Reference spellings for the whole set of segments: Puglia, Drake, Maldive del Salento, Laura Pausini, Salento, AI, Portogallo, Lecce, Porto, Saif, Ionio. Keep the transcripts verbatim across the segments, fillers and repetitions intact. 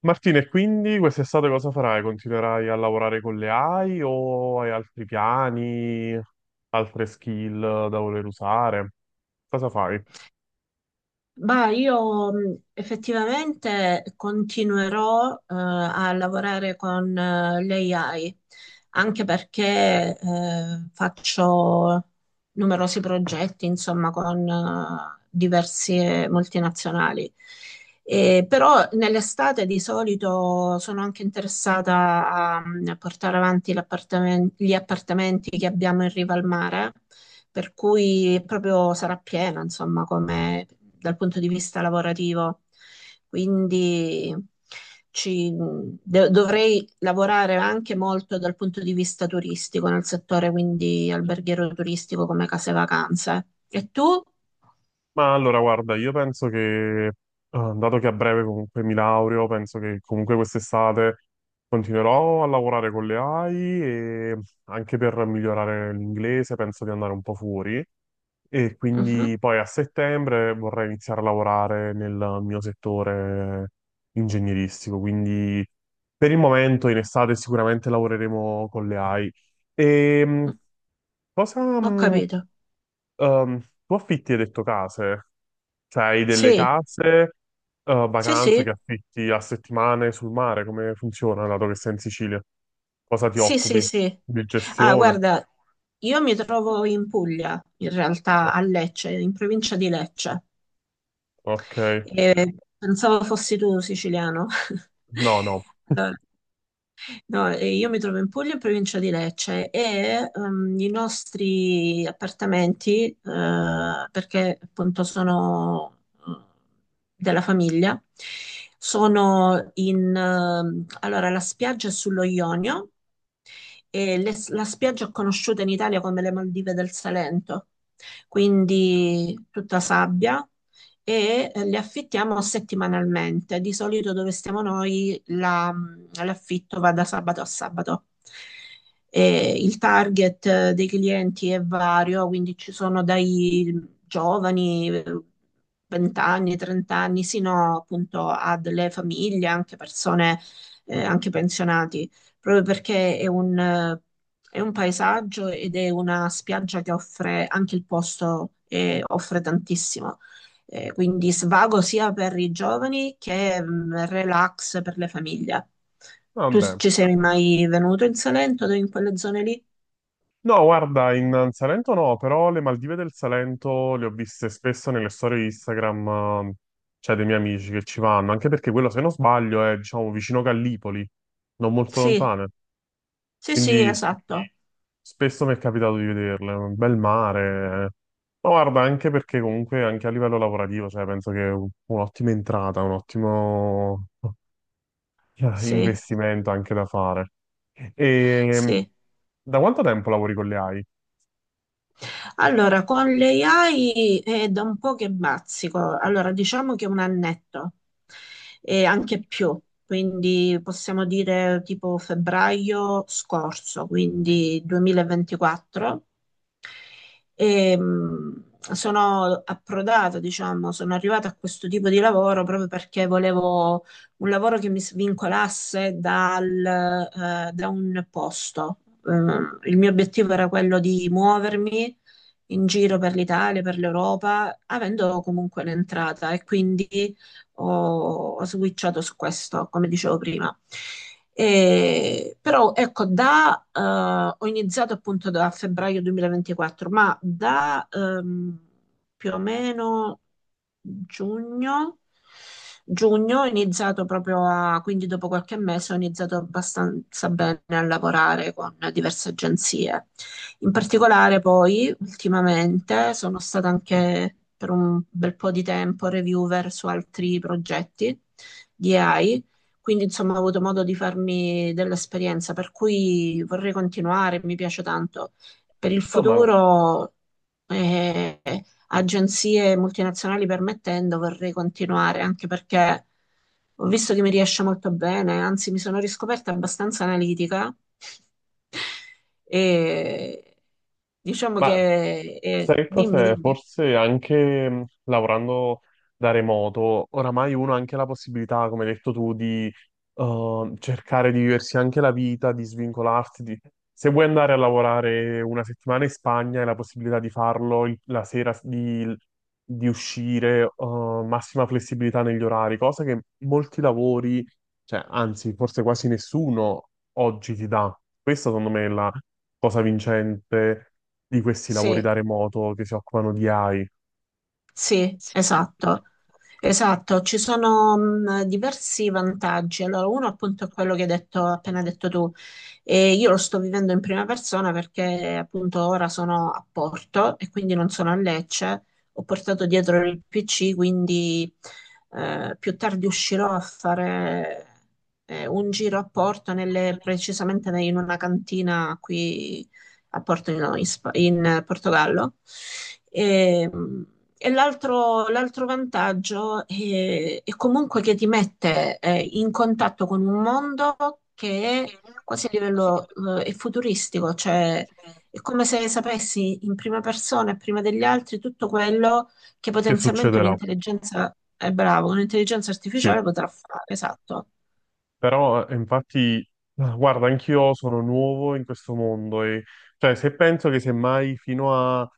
Martina, e quindi quest'estate cosa farai? Continuerai a lavorare con le A I o hai altri piani, altre skill da voler usare? Cosa fai? Bah, io mh, effettivamente continuerò eh, a lavorare con eh, l'A I, anche perché eh, faccio numerosi progetti, insomma, con eh, diverse multinazionali. Eh, però nell'estate di solito sono anche interessata a, mm, a portare avanti l'appartamen- gli appartamenti che abbiamo in riva al mare, per cui proprio sarà piena, insomma, come dal punto di vista lavorativo. Quindi ci- de- dovrei lavorare anche molto dal punto di vista turistico, nel settore quindi alberghiero turistico come case vacanze. E tu? Ma allora, guarda, io penso che, eh, dato che a breve comunque mi laureo, penso che comunque quest'estate continuerò a lavorare con le A I e anche per migliorare l'inglese penso di andare un po' fuori. E Mhm. quindi poi a settembre vorrei iniziare a lavorare nel mio settore ingegneristico, quindi per il momento in estate sicuramente lavoreremo con le A I. E mh, cosa, Ho mh, capito. ehm, Tu affitti hai detto case? Cioè hai delle Sì, case, eh, sì, vacanze che sì. affitti a settimane sul mare? Come funziona, dato che sei in Sicilia? Cosa ti Sì, sì, occupi? sì. Di Ah, gestione? guarda, io mi trovo in Puglia, in realtà a Oh, Lecce, in provincia di Lecce. ok. E pensavo fossi tu siciliano. No, no. Allora, no, e io mi trovo in Puglia, in provincia di Lecce, e ehm, i nostri appartamenti, eh, perché appunto sono eh, della famiglia, sono in... ehm, allora, la spiaggia è sullo Ionio, e le- la spiaggia è conosciuta in Italia come le Maldive del Salento, quindi tutta sabbia, e eh, le affittiamo settimanalmente. Di solito dove stiamo noi la- mm, l'affitto va da sabato a sabato. E il target eh, dei clienti è vario, quindi ci sono dai giovani, eh, venti anni, trenta anni, sino appunto a delle famiglie, anche persone, eh, anche pensionati, proprio perché è un, eh, è un paesaggio ed è una spiaggia che offre anche il posto e offre tantissimo. Eh, quindi svago sia per i giovani che mh, relax per le famiglie. Tu s- Vabbè. Ci sei mai venuto in Salento, o in quelle zone lì? No, guarda, in in Salento no, però le Maldive del Salento le ho viste spesso nelle storie Instagram, eh, cioè dei miei amici che ci vanno, anche perché quello, se non sbaglio, è, diciamo, vicino Gallipoli, non molto Sì, lontane. sì, sì, Quindi s- esatto. spesso mi è capitato di vederle, un bel mare. Eh. Ma guarda, anche perché comunque anche a livello lavorativo, cioè, penso che è un- un'ottima entrata, un ottimo eh, Sì, investimento anche da fare. E sì. da quanto tempo lavori con le A I? Allora, con le A I è da un po' che bazzico. Allora, diciamo che un annetto e anche più. Quindi possiamo dire tipo febbraio scorso, quindi duemilaventiquattro. E, mh, Sono approdato, diciamo, sono arrivata a questo tipo di lavoro proprio perché volevo un lavoro che mi svincolasse dal, eh, da un posto. Eh, il mio obiettivo era quello di muovermi in giro per l'Italia, per l'Europa, avendo comunque un'entrata e quindi ho, ho switchato su questo, come dicevo prima. E- però ecco, da, eh, ho iniziato appunto da febbraio duemilaventiquattro, ma da ehm, più o meno giugno, giugno ho iniziato proprio a, quindi dopo qualche mese ho iniziato abbastanza bene a lavorare con diverse agenzie. In particolare poi ultimamente sono stata anche per un bel po' di tempo reviewer su altri progetti di A I, quindi, insomma, ho avuto modo di farmi dell'esperienza, per cui vorrei continuare, mi piace tanto. Per il No, ma... futuro, eh, agenzie multinazionali permettendo, vorrei continuare, anche perché ho visto che mi riesce molto bene, anzi, mi sono riscoperta abbastanza analitica e diciamo ma che... eh, Sai dimmi, cos'è? dimmi. Forse anche mh, lavorando da remoto, oramai uno ha anche la possibilità, come hai detto tu, di eh, cercare di viversi anche la vita, di svincolarsi. di- Se vuoi andare a lavorare una settimana in Spagna, hai la possibilità di farlo il- la sera, di, di uscire, eh, massima flessibilità negli orari, cosa che molti lavori, cioè, anzi, forse quasi nessuno oggi ti dà. Questa, secondo me, è la cosa vincente di questi lavori Sì. da remoto che si occupano di A I. Sì, esatto. Esatto, ci sono mh, diversi vantaggi. Allora, uno appunto è quello che hai detto, appena detto tu. E io lo sto vivendo in prima persona perché appunto ora sono a Porto e quindi non sono a Lecce. Ho portato dietro il P C, quindi eh, più tardi uscirò a fare eh, un giro a Porto, nelle- precisamente in una cantina qui a Porto in, in Spa- in Portogallo. E, e l'altro l'altro vantaggio è, è comunque che ti mette eh, in contatto con un mondo che è quasi a livello eh, è futuristico, cioè è come se sapessi in prima persona e prima degli altri tutto quello che Che potenzialmente succederà? un'intelligenza è bravo, un'intelligenza Sì. artificiale potrà fare, esatto. Però eh, infatti, ah, guarda, anch'io sono nuovo in questo mondo e cioè se penso che semmai fino a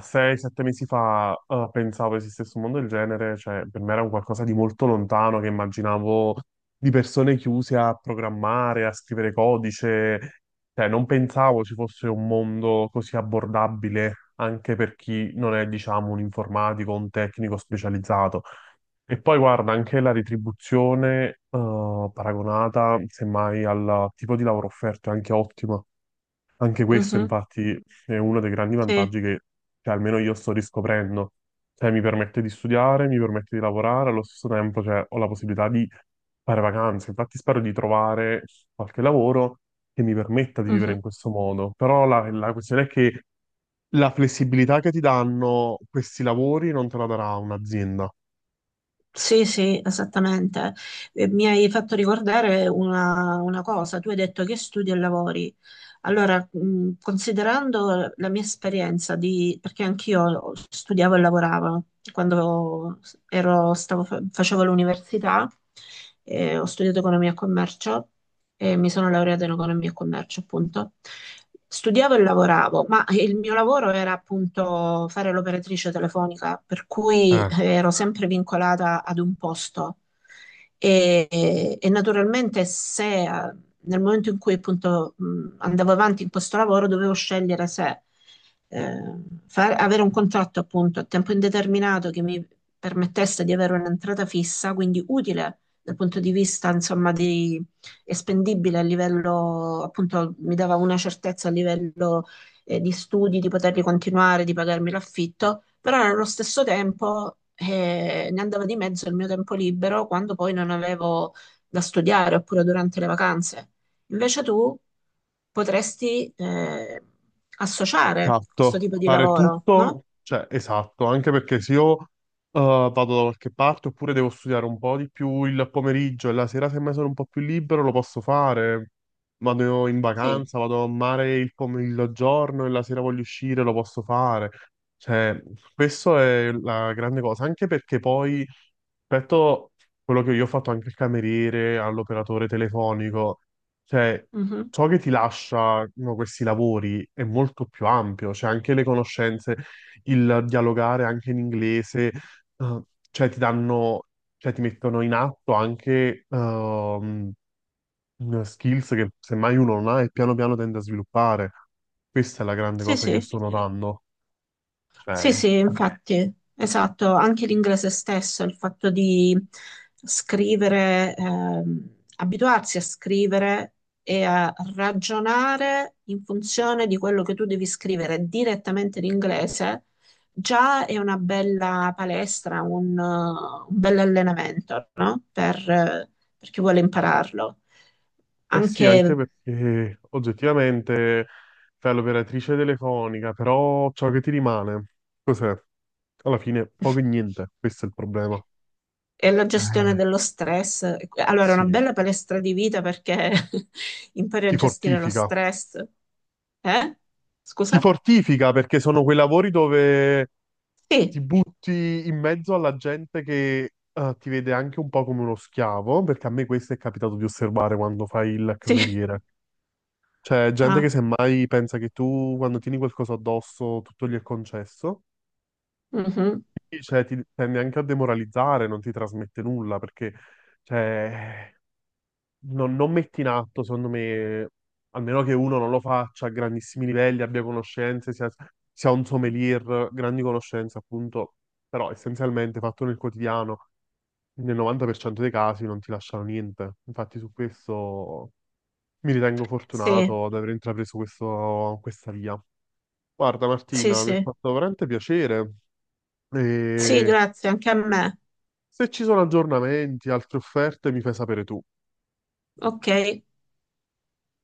sei sette mesi fa ah, pensavo esistesse un mondo del genere, cioè per me era un qualcosa di molto lontano che immaginavo di persone chiuse a programmare, a scrivere codice, cioè non pensavo ci fosse un mondo così abbordabile anche per chi non è, diciamo, un informatico, un tecnico specializzato. E poi guarda, anche la retribuzione, eh, paragonata semmai al tipo di lavoro offerto è anche ottima. Anche questo, Mhm. infatti, è uno dei grandi Sì. vantaggi che, cioè, almeno io sto riscoprendo. Cioè, mi permette di studiare, mi permette di lavorare, allo stesso tempo, cioè, ho la possibilità di fare vacanze. Infatti, spero di trovare qualche lavoro che mi permetta di vivere Mhm. in questo modo. Però la, la questione è che la flessibilità che ti danno questi lavori non te la darà un'azienda. Sì, sì, esattamente. Eh, Mi hai fatto ricordare una, una cosa, tu hai detto che studi e lavori. Allora, mh, considerando la mia esperienza di, perché anch'io studiavo e lavoravo quando ero- stavo fa- facevo l'università, eh, ho studiato economia e commercio e mi sono laureata in economia e commercio, appunto. Studiavo e lavoravo, ma il mio lavoro era appunto fare l'operatrice telefonica, per cui Eh, eh, ero sempre vincolata ad un posto. E, e naturalmente se eh, nel momento in cui appunto mh, andavo avanti in questo lavoro dovevo scegliere se eh, fare- avere un contratto appunto a tempo indeterminato che mi permettesse di avere un'entrata fissa, quindi utile dal punto di vista insomma di e spendibile a livello, appunto, mi dava una certezza a livello eh, di studi, di poterli continuare, di pagarmi l'affitto, però allo stesso tempo eh, ne andava di mezzo il mio tempo libero quando poi non avevo da studiare oppure durante le vacanze. Invece tu potresti eh, associare questo Esatto, tipo di fare lavoro, no? tutto, cioè esatto, anche perché se io eh, vado da qualche parte oppure devo studiare un po' di più il pomeriggio e la sera semmai sono un po' più libero lo posso fare, vado in Sì. vacanza, vado a mare il pomeriggio giorno e la sera voglio uscire lo posso fare, cioè questo è la grande cosa, anche perché poi rispetto a quello che io ho fatto anche il cameriere, all'operatore telefonico, cioè Mhm. ciò che ti lasciano questi lavori è molto più ampio, cioè anche le conoscenze, il dialogare anche in inglese, eh, cioè ti danno, cioè ti mettono in atto anche ehm, skills che semmai uno non ha e piano piano tende a sviluppare. Questa è la grande Sì, cosa che io sì. sto notando. Sì, Cioè, sì, infatti, esatto, anche l'inglese stesso, il fatto di scrivere, ehm, abituarsi a scrivere e a ragionare in funzione di quello che tu devi scrivere direttamente in inglese, già è una bella palestra, un, eh, un bel allenamento, no? Per, eh, per chi vuole impararlo. eh sì, anche Anche perché oggettivamente fai l'operatrice telefonica, però ciò che ti rimane, cos'è? Alla fine poco e niente, questo è il problema. e la gestione Eh, dello stress. Allora, è una sì, bella palestra di vita perché impari a ti gestire lo fortifica. stress. Eh? Ti Scusa? fortifica perché sono quei lavori dove Sì, ti butti in mezzo alla gente che eh, ti vede anche un po' come uno schiavo, perché a me questo è capitato di osservare quando fai il sì. cameriere. Cioè, gente che Ah, semmai pensa che tu, quando tieni qualcosa addosso, tutto gli è concesso. mhm. Quindi, cioè, ti tende anche a demoralizzare, non ti trasmette nulla, perché, cioè, non, non metti in atto, secondo me, almeno che uno non lo faccia a grandissimi livelli, abbia conoscenze, sia, sia un sommelier, grandi conoscenze, appunto, però essenzialmente fatto nel quotidiano, nel novanta per cento dei casi non ti lasciano niente. Infatti su questo mi ritengo Sì, fortunato ad aver intrapreso questo- questa via. Guarda sì, Martina, mi ha sì. fatto veramente piacere Sì, e grazie, anche a me. se ci sono aggiornamenti, altre offerte, mi fai sapere tu. Ok.